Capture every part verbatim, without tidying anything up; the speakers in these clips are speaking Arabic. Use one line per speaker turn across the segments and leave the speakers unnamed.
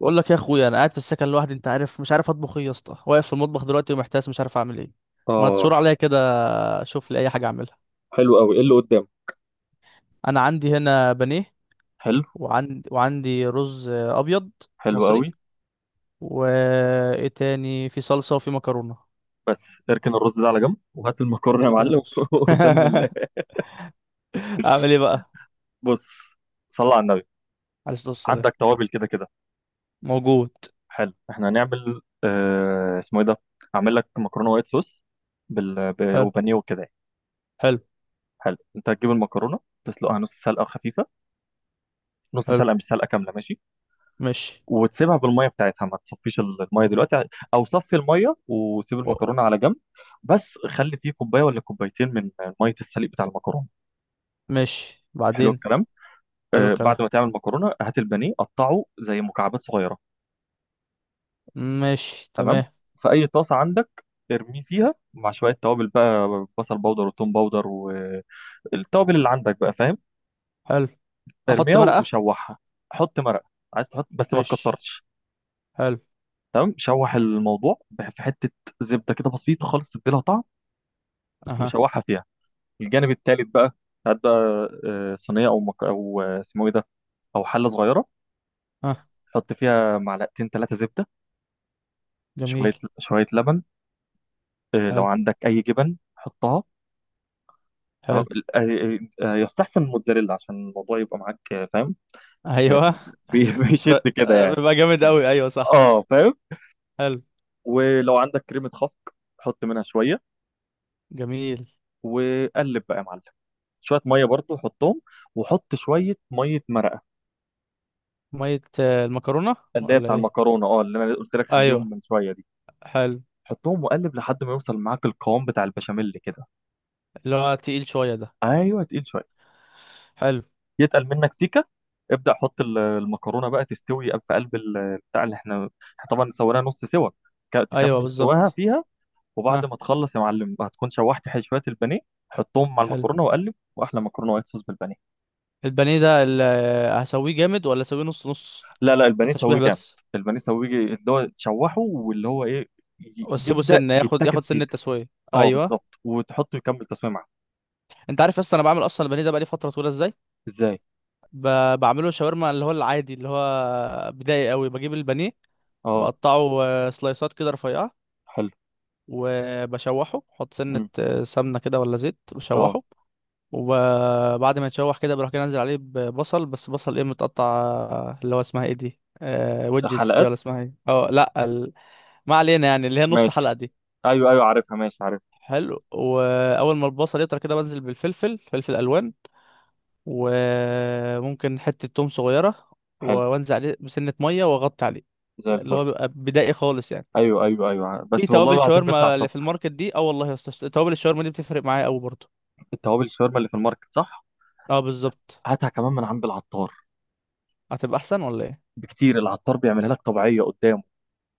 بقول لك يا اخويا، انا قاعد في السكن لوحدي. انت عارف مش عارف اطبخ ايه يا اسطى. واقف في المطبخ دلوقتي ومحتاس مش عارف اعمل ايه. ما
اه،
تشور عليا كده. شوف لي اي حاجه اعملها.
حلو قوي. ايه اللي قدام؟
انا عندي هنا بانيه.
حلو.
وعندي وعندي رز ابيض.
حلو
مصري.
قوي.
وايه تاني؟ في صلصه وفي مكرونه.
بس اركن الرز ده على جنب وهات المكرونه يا
بركن
معلم.
الرز.
وسم الله.
اعمل ايه بقى؟
بص، صلى على النبي.
عليه الصلاه والسلام.
عندك توابل كده كده؟
موجود.
حلو، احنا هنعمل آه اسمه ايه ده، هعمل لك مكرونه وايت صوص بال... ب...
حلو.
وبانيه وكده يعني.
حلو.
حلو. انت هتجيب المكرونه تسلقها نص سلقه خفيفه، نص
حلو.
سلقه مش سلقه كامله، ماشي.
ماشي.
وتسيبها بالميه بتاعتها، ما تصفيش الميه دلوقتي، او صفي الميه وسيب
و-
المكرونه على جنب، بس خلي فيه كوبايه ولا كوبايتين من ميه السليق بتاع المكرونه.
ماشي
حلو
بعدين.
الكلام.
حلو
آه بعد
الكلام.
ما تعمل مكرونه هات البانيه قطعه زي مكعبات صغيره.
ماشي
تمام.
تمام.
في اي طاسه عندك ارميه فيها مع شويه توابل بقى، بصل باودر وتوم باودر والتوابل اللي عندك بقى، فاهم؟
حلو. احط
ارميها
مرقه؟
وشوحها. حط مرقه، عايز تحط بس ما
ماشي.
تكترش.
حلو.
تمام، شوح الموضوع بح- في حته زبده كده بسيطه خالص تديلها طعم،
اها.
وشوحها فيها. الجانب التالت بقى، هات بقى آه، صينيه او مك... او آه، اسمه ايه ده، او حله صغيره.
اه.
حط فيها معلقتين ثلاثه زبده،
جميل.
شويه شويه لبن، آه، لو
حلو.
عندك اي جبن حطها. تمام.
حلو.
آه، آه، آه، يستحسن الموتزاريلا عشان الموضوع يبقى معاك، آه، فاهم؟ آه،
ايوه.
بي-
ف...
بيشد كده
آه،
يعني.
بيبقى جامد قوي، ايوه صح.
اه فاهم.
حلو.
ولو عندك كريمة خفق حط منها شوية،
جميل.
وقلب بقى يا معلم. شوية مية برضو حطهم، وحط شوية مية مرقة،
مية آه، المكرونة،
اللي هي
ولا
بتاع
ايه؟
المكرونة، اه اللي انا قلت لك خليهم
ايوه.
من شوية دي،
حلو.
حطهم وقلب لحد ما يوصل معاك القوام بتاع البشاميل كده.
اللي هو تقيل شوية ده؟
ايوه، تقيل شوية،
حلو.
يتقل منك سيكه ابدا. حط ال- المكرونه بقى تستوي في قلب ال- بتاع اللي احنا، احنا طبعا سويناها نص سوا، ك-
ايوه
تكمل سواها
بالظبط.
فيها. وبعد ما
ها.
تخلص يا معلم هتكون شوحت ح- شويه البانيه، حطهم مع
حلو.
المكرونه وقلب، واحلى مكرونه وايت صوص بالبانيه.
البانيه ده ال- آه، هسويه جامد ولا اسويه نص نص؟
لا، لا، البانيه
تشويح
سويه جامد.
بس.
البانيه سويه اللي هو تشوحه واللي هو ايه، ي-
واسيبه
يبدا
سنة ياخد
يتاكل
ياخد سنة
سيكه.
تسوية؟
اه
ايوه.
بالظبط، وتحطه يكمل تسويه معاه.
انت عارف اصلا انا بعمل اصلا البانيه ده بقالي فترة طويلة ازاي؟
ازاي؟
ب... بعمله شاورما، اللي هو العادي، اللي هو بدائي قوي. بجيب البانيه،
اه.
بقطعه آه، سلايسات كده رفيعة.
حلو.
وبشوحه، بحط سنة
مم.
آه، سمنة كده ولا زيت،
اه
بشوحه. وبعد ما يتشوح كده، بروح كده انزل عليه ببصل، بس بصل ايه؟ متقطع آه، اللي هو اسمها ايه دي؟ آه ويدجتس دي،
حلقات.
ولا اسمها ايه؟ اه لا ال... ما علينا. يعني اللي هي نص
ماشي،
حلقة دي.
ايوه ايوه، عارفها، ماشي، عارف.
حلو. واول ما البصل يطرى كده بنزل بالفلفل، فلفل الوان. وممكن حتة توم صغيرة. و-
حلو،
وانزل عليه بسنة مية واغطي عليه.
زي
اللي
الفل.
هو بيبقى بدائي خالص يعني.
ايوه ايوه ايوه،
في
بس والله
توابل
العظيم بيطلع
شاورما
تحفه.
اللي في الماركت دي، اه والله يا اسطى، توابل الشاورما دي بتفرق معايا قوي برضه.
التوابل الشاورما اللي في الماركت، صح؟
اه بالظبط.
هاتها كمان من عند العطار
هتبقى احسن ولا ايه؟
بكتير، العطار بيعملها لك طبيعيه قدامه.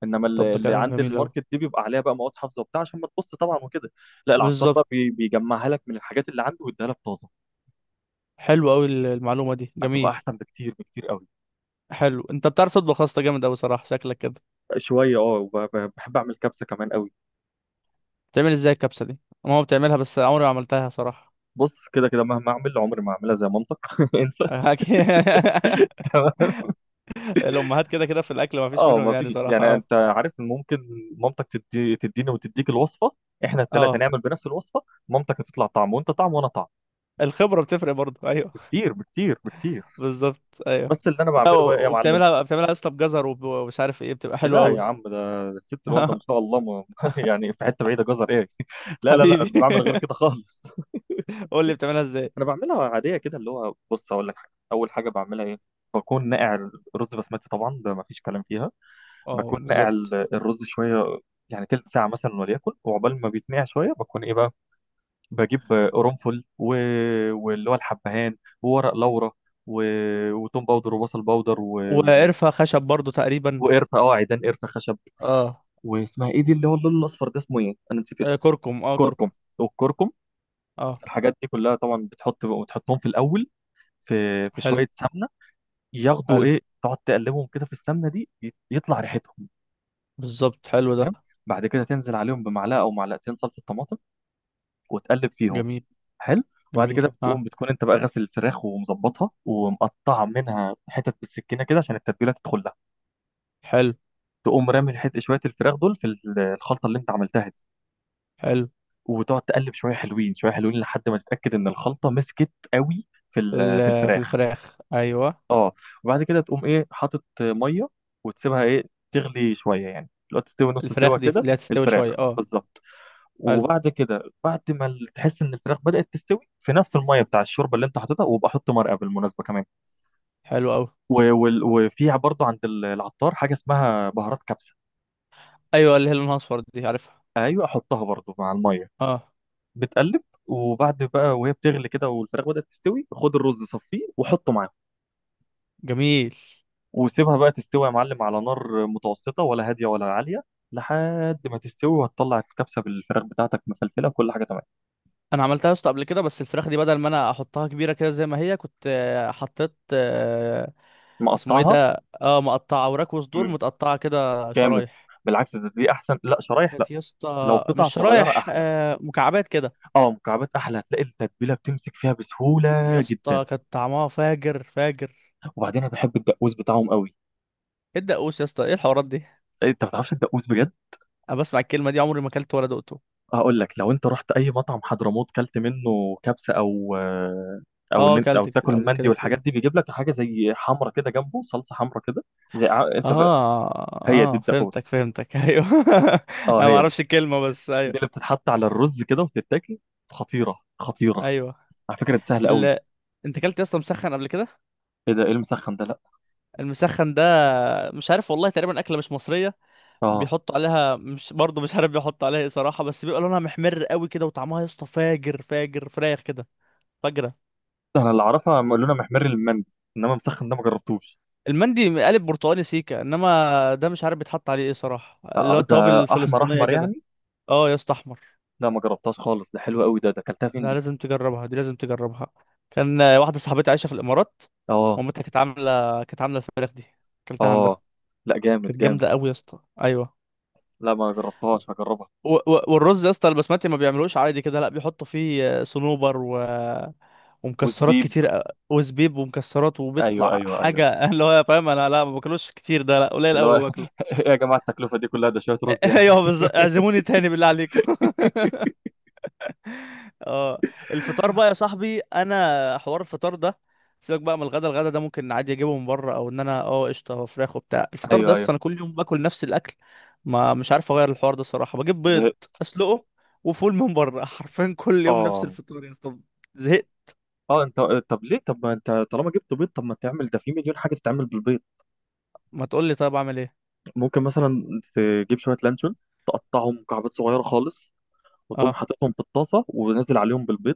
انما
طب
اللي
ده
اللي
كلام
عند
جميل قوي.
الماركت دي بيبقى عليها بقى مواد حافظه وبتاع، عشان ما تبص طبعا وكده. لا، العطار
بالظبط.
بقى بي- بيجمعها لك من الحاجات اللي عنده ويديها لك طازه.
حلو قوي المعلومه دي،
هتبقى
جميل.
احسن بكتير، بكتير قوي.
حلو، انت بتعرف تطبخ يا اسطى جامد قوي صراحه شكلك كده.
شويه، اه وب- ب- بحب اعمل كبسه كمان قوي.
بتعمل ازاي الكبسه دي؟ ماما بتعملها بس عمري ما عملتها صراحه.
بص، كده كده مهما اعمل عمري ما اعملها زي مامتك انسى.
أكيد. الامهات كده كده في الاكل ما فيش
اه
منهم يعني
مفيش،
صراحه،
يعني
اه.
انت عارف إن ممكن مامتك تدي تديني وتديك الوصفه، احنا الثلاثه
اه.
نعمل بنفس الوصفه، مامتك هتطلع طعم وانت طعم وانا طعم.
الخبره بتفرق برضه. ايوه.
بكتير، بكتير، بكتير.
بالظبط، ايوه.
بس اللي انا
لا،
بعمله بقى ايه يا معلم؟
وبتعملها بتعملها يا اسطى بجزر وب- ومش عارف ايه، بتبقى حلوه
لا يا
قوي.
عم، ده الست الوالده ما شاء الله، ما يعني في حته بعيده، جزر ايه؟ لا لا لا،
حبيبي
بعمل غير كده خالص.
قول لي بتعملها ازاي.
انا بعملها عاديه كده، اللي هو بص اقول لك حاجه، اول حاجه بعملها ايه، بكون ناقع الرز بسمتي طبعا، ده مفيش كلام فيها.
اه
بكون ناقع
بالظبط.
ال- الرز شويه، يعني تلت ساعه مثلا وليكن، وعقبال ما بيتنقع شويه بكون ايه بقى، بجيب قرنفل و... واللي هو الحبهان وورق لورا، و... وتوم باودر وبصل باودر و... و...
وقرفة خشب برضو تقريبا.
وقرفه، اه، عيدان قرفه خشب.
اه.
واسمها ايه دي اللي هو اللون الاصفر ده، اسمه ايه؟ انا نسيت
آه،
اسمه.
كركم، اه كركم.
كركم، والكركم.
اه.
الحاجات دي كلها طبعا بتحط بتحطهم في الاول في في
حلو.
شويه سمنه، ياخدوا
حلو.
ايه، تقعد تقلبهم كده في السمنه دي، ي- يطلع ريحتهم.
بالظبط حلو ده.
تمام، بعد كده تنزل عليهم بمعلقه او معلقتين صلصه طماطم وتقلب فيهم.
جميل.
حلو. وبعد كده
جميل،
بتقوم،
اه.
بتكون انت بقى غاسل الفراخ ومظبطها ومقطع منها حتت بالسكينه كده عشان التتبيله تدخل لها،
حلو.
تقوم رامي الحت شويه الفراخ دول في ال- الخلطه اللي انت عملتها دي،
حلو.
وتقعد تقلب شويه حلوين، شويه حلوين، لحد ما تتاكد ان الخلطه مسكت قوي في
في
ال- في
ال- في
الفراخ.
الفراخ، ايوه.
اه. وبعد كده تقوم ايه، حاطط ميه وتسيبها ايه، تغلي شويه، يعني لو تستوي نص سوا
الفراخ دي
كده
اللي هتستوي
الفراخ
شويه، اه.
بالظبط.
حلو.
وبعد كده بعد ما ال- تحس ان الفراخ بدأت تستوي، في نفس الميه بتاع الشوربه اللي انت حاططها، وابقى حط مرقه بالمناسبه كمان.
حلو قوي.
و- وال- وفيها برضو عند ال- العطار حاجة اسمها بهارات كبسة.
ايوه، اللي هي لونها اصفر دي، عارفها.
أيوة، أحطها برضو مع المية،
اه.
بتقلب. وبعد بقى، وهي بتغلي كده والفراخ بدأت تستوي، خد الرز صفيه وحطه معاهم،
جميل.
وسيبها بقى تستوي يا معلم على نار متوسطة ولا هادية ولا عالية، لحد ما تستوي، وهتطلع الكبسة بالفراخ بتاعتك مفلفلة، كل حاجة تمام.
انا عملتها يا اسطى قبل كده، بس الفراخ دي بدل ما انا احطها كبيره كده زي ما هي، كنت آه، حطيت آه، اسمه ايه
مقطعها.
ده؟ اه، مقطعه. وراك وصدور
مم.
متقطعه كده
جامد،
شرايح.
بالعكس ده، دي أحسن، لا شرايح لا،
كانت يا
لو
اسطى
قطع
مش
صغيرة
شرايح،
أحلى.
آه مكعبات كده.
اه، مكعبات أحلى، هتلاقي التتبيلة بتمسك فيها
يا
بسهولة جدا.
اسطى كانت طعمها فاجر فاجر.
وبعدين أنا بحب الدقوس بتاعهم قوي.
ايه الدقوس يا اسطى؟ ايه الحوارات دي؟
إيه، انت ما بتعرفش الدقوس بجد؟
انا بسمع الكلمه دي عمري ما اكلت ولا دقته.
هقول لك، لو انت رحت اي مطعم حضرموت كلت منه كبسه او، آه، او
اه،
إن أنت- او
اكلت كت-
تاكل
قبل
مندي
كده
والحاجات
كتير.
دي، بيجيب لك حاجه زي حمرة كده جنبه، صلصه حمرة كده، زي ع- انت ف...
اه.
هي دي
اه فهمتك
الدقوس.
فهمتك. ايوه.
اه
انا ما
هي دي،
اعرفش الكلمه بس،
دي
ايوه.
اللي بتتحط على الرز كده وتتاكل، خطيره، خطيره.
ايوه.
على فكره دي سهله قوي.
ال... انت اكلت يا اسطى مسخن قبل كده؟
ايه ده ايه المسخن ده؟ لا.
المسخن ده، مش عارف والله، تقريبا اكله مش مصريه.
اه
بيحطوا عليها، مش برضه مش عارف بيحطوا عليها ايه صراحه، بس بيبقى لونها محمر قوي كده وطعمها يا اسطى فاجر فاجر، فراخ كده. فجرة.
انا اللي اعرفها لونها محمر المندي، انما مسخن ده ما جربتوش.
المندي قالب برتقاني سيكا، انما ده مش عارف بيتحط عليه ايه صراحه،
آه،
اللي هو
آه، ده
التوابل
احمر
الفلسطينيه
احمر
كده.
يعني.
اه يا اسطى، احمر.
لا ما جربتهاش خالص، ده حلو قوي ده ده اكلتها فين
ده
دي؟
لازم تجربها، دي لازم تجربها. كان آه، واحده صاحبتي عايشه في الامارات.
اه.
مامتها كانت عامله كانت عامله الفراخ دي. اكلتها عندها.
اه. لا جامد،
كانت
جامد.
جامده قوي يا اسطى، ايوه.
لا ما جربتهاش، هجربها.
و... و... والرز يا اسطى البسمتي ما بيعملوش عادي كده، لا بيحطوا فيه آه، صنوبر و... ومكسرات
وزبيب.
كتير أ- وزبيب ومكسرات،
ايوه
وبيطلع
ايوه ايوه،
حاجه اللي هو فاهم. انا لا ما باكلوش كتير ده، لا قليل
اللي هو
قوي.
ايه يا جماعه التكلفه دي كلها، ده شويه رز يعني.
ايوه بالظبط، اعزموني تاني بالله عليكم. اه. الفطار بقى يا صاحبي، انا حوار الفطار ده. سيبك بقى من الغدا. الغدا ده ممكن عادي اجيبه من بره، او ان انا، اه قشطه، هو فراخ وبتاع. الفطار ده
ايوه، ايوه.
اصلا انا كل يوم باكل نفس الاكل. ما مش عارف اغير الحوار ده الصراحه، بجيب بيض
زهق.
اسلقه وفول من بره. حرفيا كل يوم نفس
اه.
الفطار يا اسطى. زهقت.
اه انت، طب ليه؟ طب ما انت طالما جبت بيض، طب ما تعمل، ده في مليون حاجه تتعمل بالبيض.
ما تقول لي طيب اعمل ايه؟
ممكن مثلا تجيب شويه لانشون، تقطعهم مكعبات صغيره خالص، وتقوم
اه.
حاططهم في الطاسه ونازل عليهم بالبيض.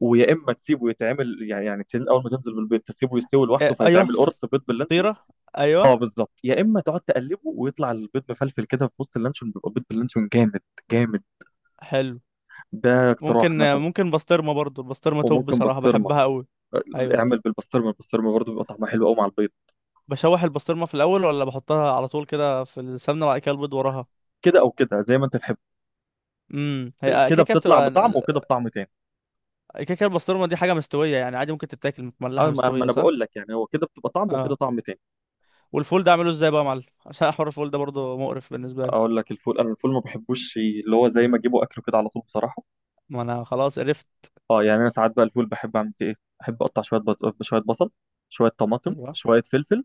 ويا اما تسيبه يتعمل، يعني يعني تن- اول ما تنزل بالبيض تسيبه يستوي لوحده،
إيه، ايوه
فيتعمل
فط-
قرص بيض باللانشون.
فطيره. ايوه.
اه بالظبط، يا اما تقعد تقلبه ويطلع البيض مفلفل كده في وسط اللانشون، بيبقى بيض باللانشون جامد، جامد.
حلو.
ده اقتراح
ممكن
مثلا.
ممكن بسطرمه برضو. البسطرمه توب
وممكن
بصراحه،
بسطرمه،
بحبها قوي. ايوه.
اعمل بالبسطرمه، البسطرمه برضه بيبقى طعمها حلو قوي مع البيض.
بشوح البسطرمه في الاول، ولا بحطها على طول كده في السمنه وبعد كده البيض وراها؟
كده او كده زي ما انت تحب،
امم هي
كده
كيكه
بتطلع
بتبقى.
بطعم وكده بطعم تاني.
كيكه البسطرمه دي حاجه مستويه يعني، عادي ممكن تتاكل متملحه
اه، ما ما
مستويه
انا
صح؟
بقول لك يعني، هو كده بتبقى طعم وكده
اه.
طعم تاني.
والفول ده اعمله ازاي بقى يا معلم؟ عشان حوار الفول ده برضو مقرف بالنسبه لي.
اقول لك الفول، انا الفول ما بحبوش اللي هو زي ما اجيبه اكله كده على طول بصراحه.
ما انا خلاص عرفت.
اه يعني، انا ساعات بقى الفول بحب اعمل فيه ايه، بحب اقطع شويه بط... شويه بصل، شويه طماطم،
ايوه،
شويه فلفل،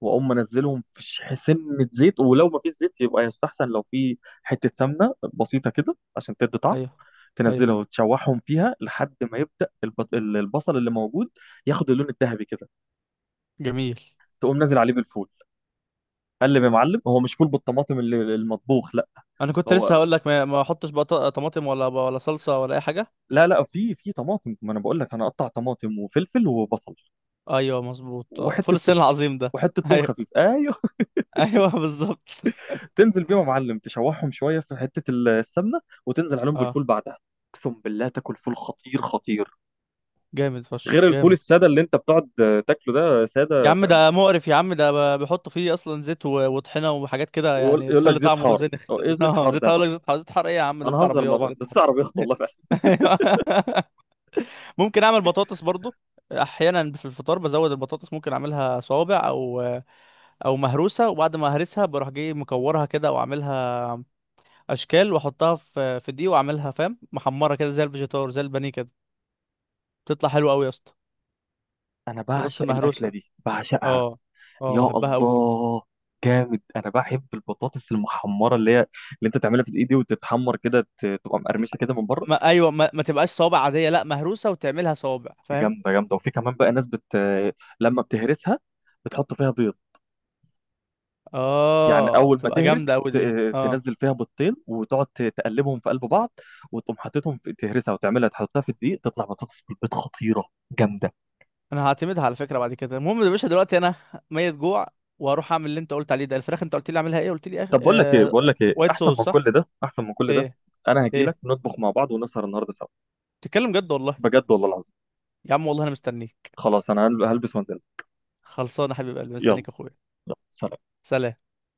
واقوم منزلهم في ش- سنه زيت، ولو ما فيش زيت يبقى يستحسن لو في حته سمنه بسيطه كده عشان تدي طعم،
ايوه، ايوه.
تنزلها وتشوحهم فيها لحد ما يبدا الب- ال- البصل اللي موجود ياخد اللون الذهبي كده،
جميل.
تقوم نازل عليه بالفول، قلب يا معلم. هو مش فول بالطماطم اللي- المطبوخ، لا.
انا كنت لسه
هو
هقول لك ما ما احطش بقى ط- طماطم ولا ولا صلصه، ولا اي حاجه.
لا لا، في، في طماطم، ما انا بقول لك، انا اقطع طماطم وفلفل وبصل
ايوه مظبوط، آه، فول
وحته
الصين
توم،
العظيم ده.
وحته توم خفيف،
ايوه.
ايوه.
ايوه بالظبط.
تنزل بيهم يا معلم، تشوحهم شويه في حته ال- السمنه، وتنزل عليهم
اه.
بالفول بعدها، اقسم بالله تاكل فول خطير، خطير،
جامد
غير
فشخ
الفول
جامد.
الساده اللي انت بتقعد تاكله ده
يا
ساده،
عم
فاهم.
ده مقرف، يا عم ده ب- بيحطوا فيه اصلا زيت و- وطحينه وحاجات كده
ويقول
يعني
يقول لك
بتخلي
زيت
طعمه
حار،
زينخ
هو
كده.
ايه زيت
اه
حار ده
زيت،
يا
هقول
معلم؟
لك زيت. زيت حر؟ ايه يا عم ده؟
انا
زيت
هزر مع
عربيات اللي
بعض
انت
بس
حاطه.
عربيات والله فعلا.
أيوة. ممكن اعمل بطاطس برضو. احيانا في الفطار بزود البطاطس، ممكن اعملها صوابع او او مهروسه، وبعد ما اهرسها بروح جاي مكورها كده واعملها اشكال، واحطها في في دي واعملها فاهم، محمره كده زي الفيجيتار، زي البانيه كده. بتطلع حلوه قوي يا اسطى.
انا
البطاطس
بعشق الاكله
المهروسه.
دي، بعشقها.
اه. اه
يا
بحبها قوي برضو.
الله، جامد. انا بحب البطاطس المحمره، اللي هي اللي انت تعملها في الايد دي وتتحمر كده، ت- تبقى مقرمشه كده من بره.
ما ايوه، ما, ما تبقاش صوابع عاديه، لا مهروسه وتعملها صوابع فاهم.
جامده، جامده. وفي كمان بقى ناس بت، لما بتهرسها بتحط فيها بيض، يعني
اه
اول ما
بتبقى
تهرس
جامده قوي دي،
ت-
اه.
تنزل فيها بيضتين وتقعد ت- تقلبهم في قلب بعض، وتقوم حاططهم في تهرسها وتعملها، تحطها في الدقيق، تطلع بطاطس بالبيض خطيره، جامده.
انا هعتمدها على فكره بعد كده. المهم يا باشا دلوقتي انا ميت جوع، واروح اعمل اللي انت قلت عليه ده. الفراخ انت قلت لي اعملها ايه؟ قلت لي أخ...
طب بقول لك ايه،
آه...
بقول لك ايه
وايت
احسن
صوص
من
صح؟
كل ده، احسن من كل ده،
ايه؟
انا هجي لك
ايه؟
نطبخ مع بعض ونسهر النهارده سوا.
تتكلم جد والله؟
بجد والله العظيم.
يا عم والله انا مستنيك.
خلاص انا هل- هلبس وانزل.
خلصانه حبيب قلبي
يلا.
مستنيك يا اخويا.
يلا سلام.
سلام.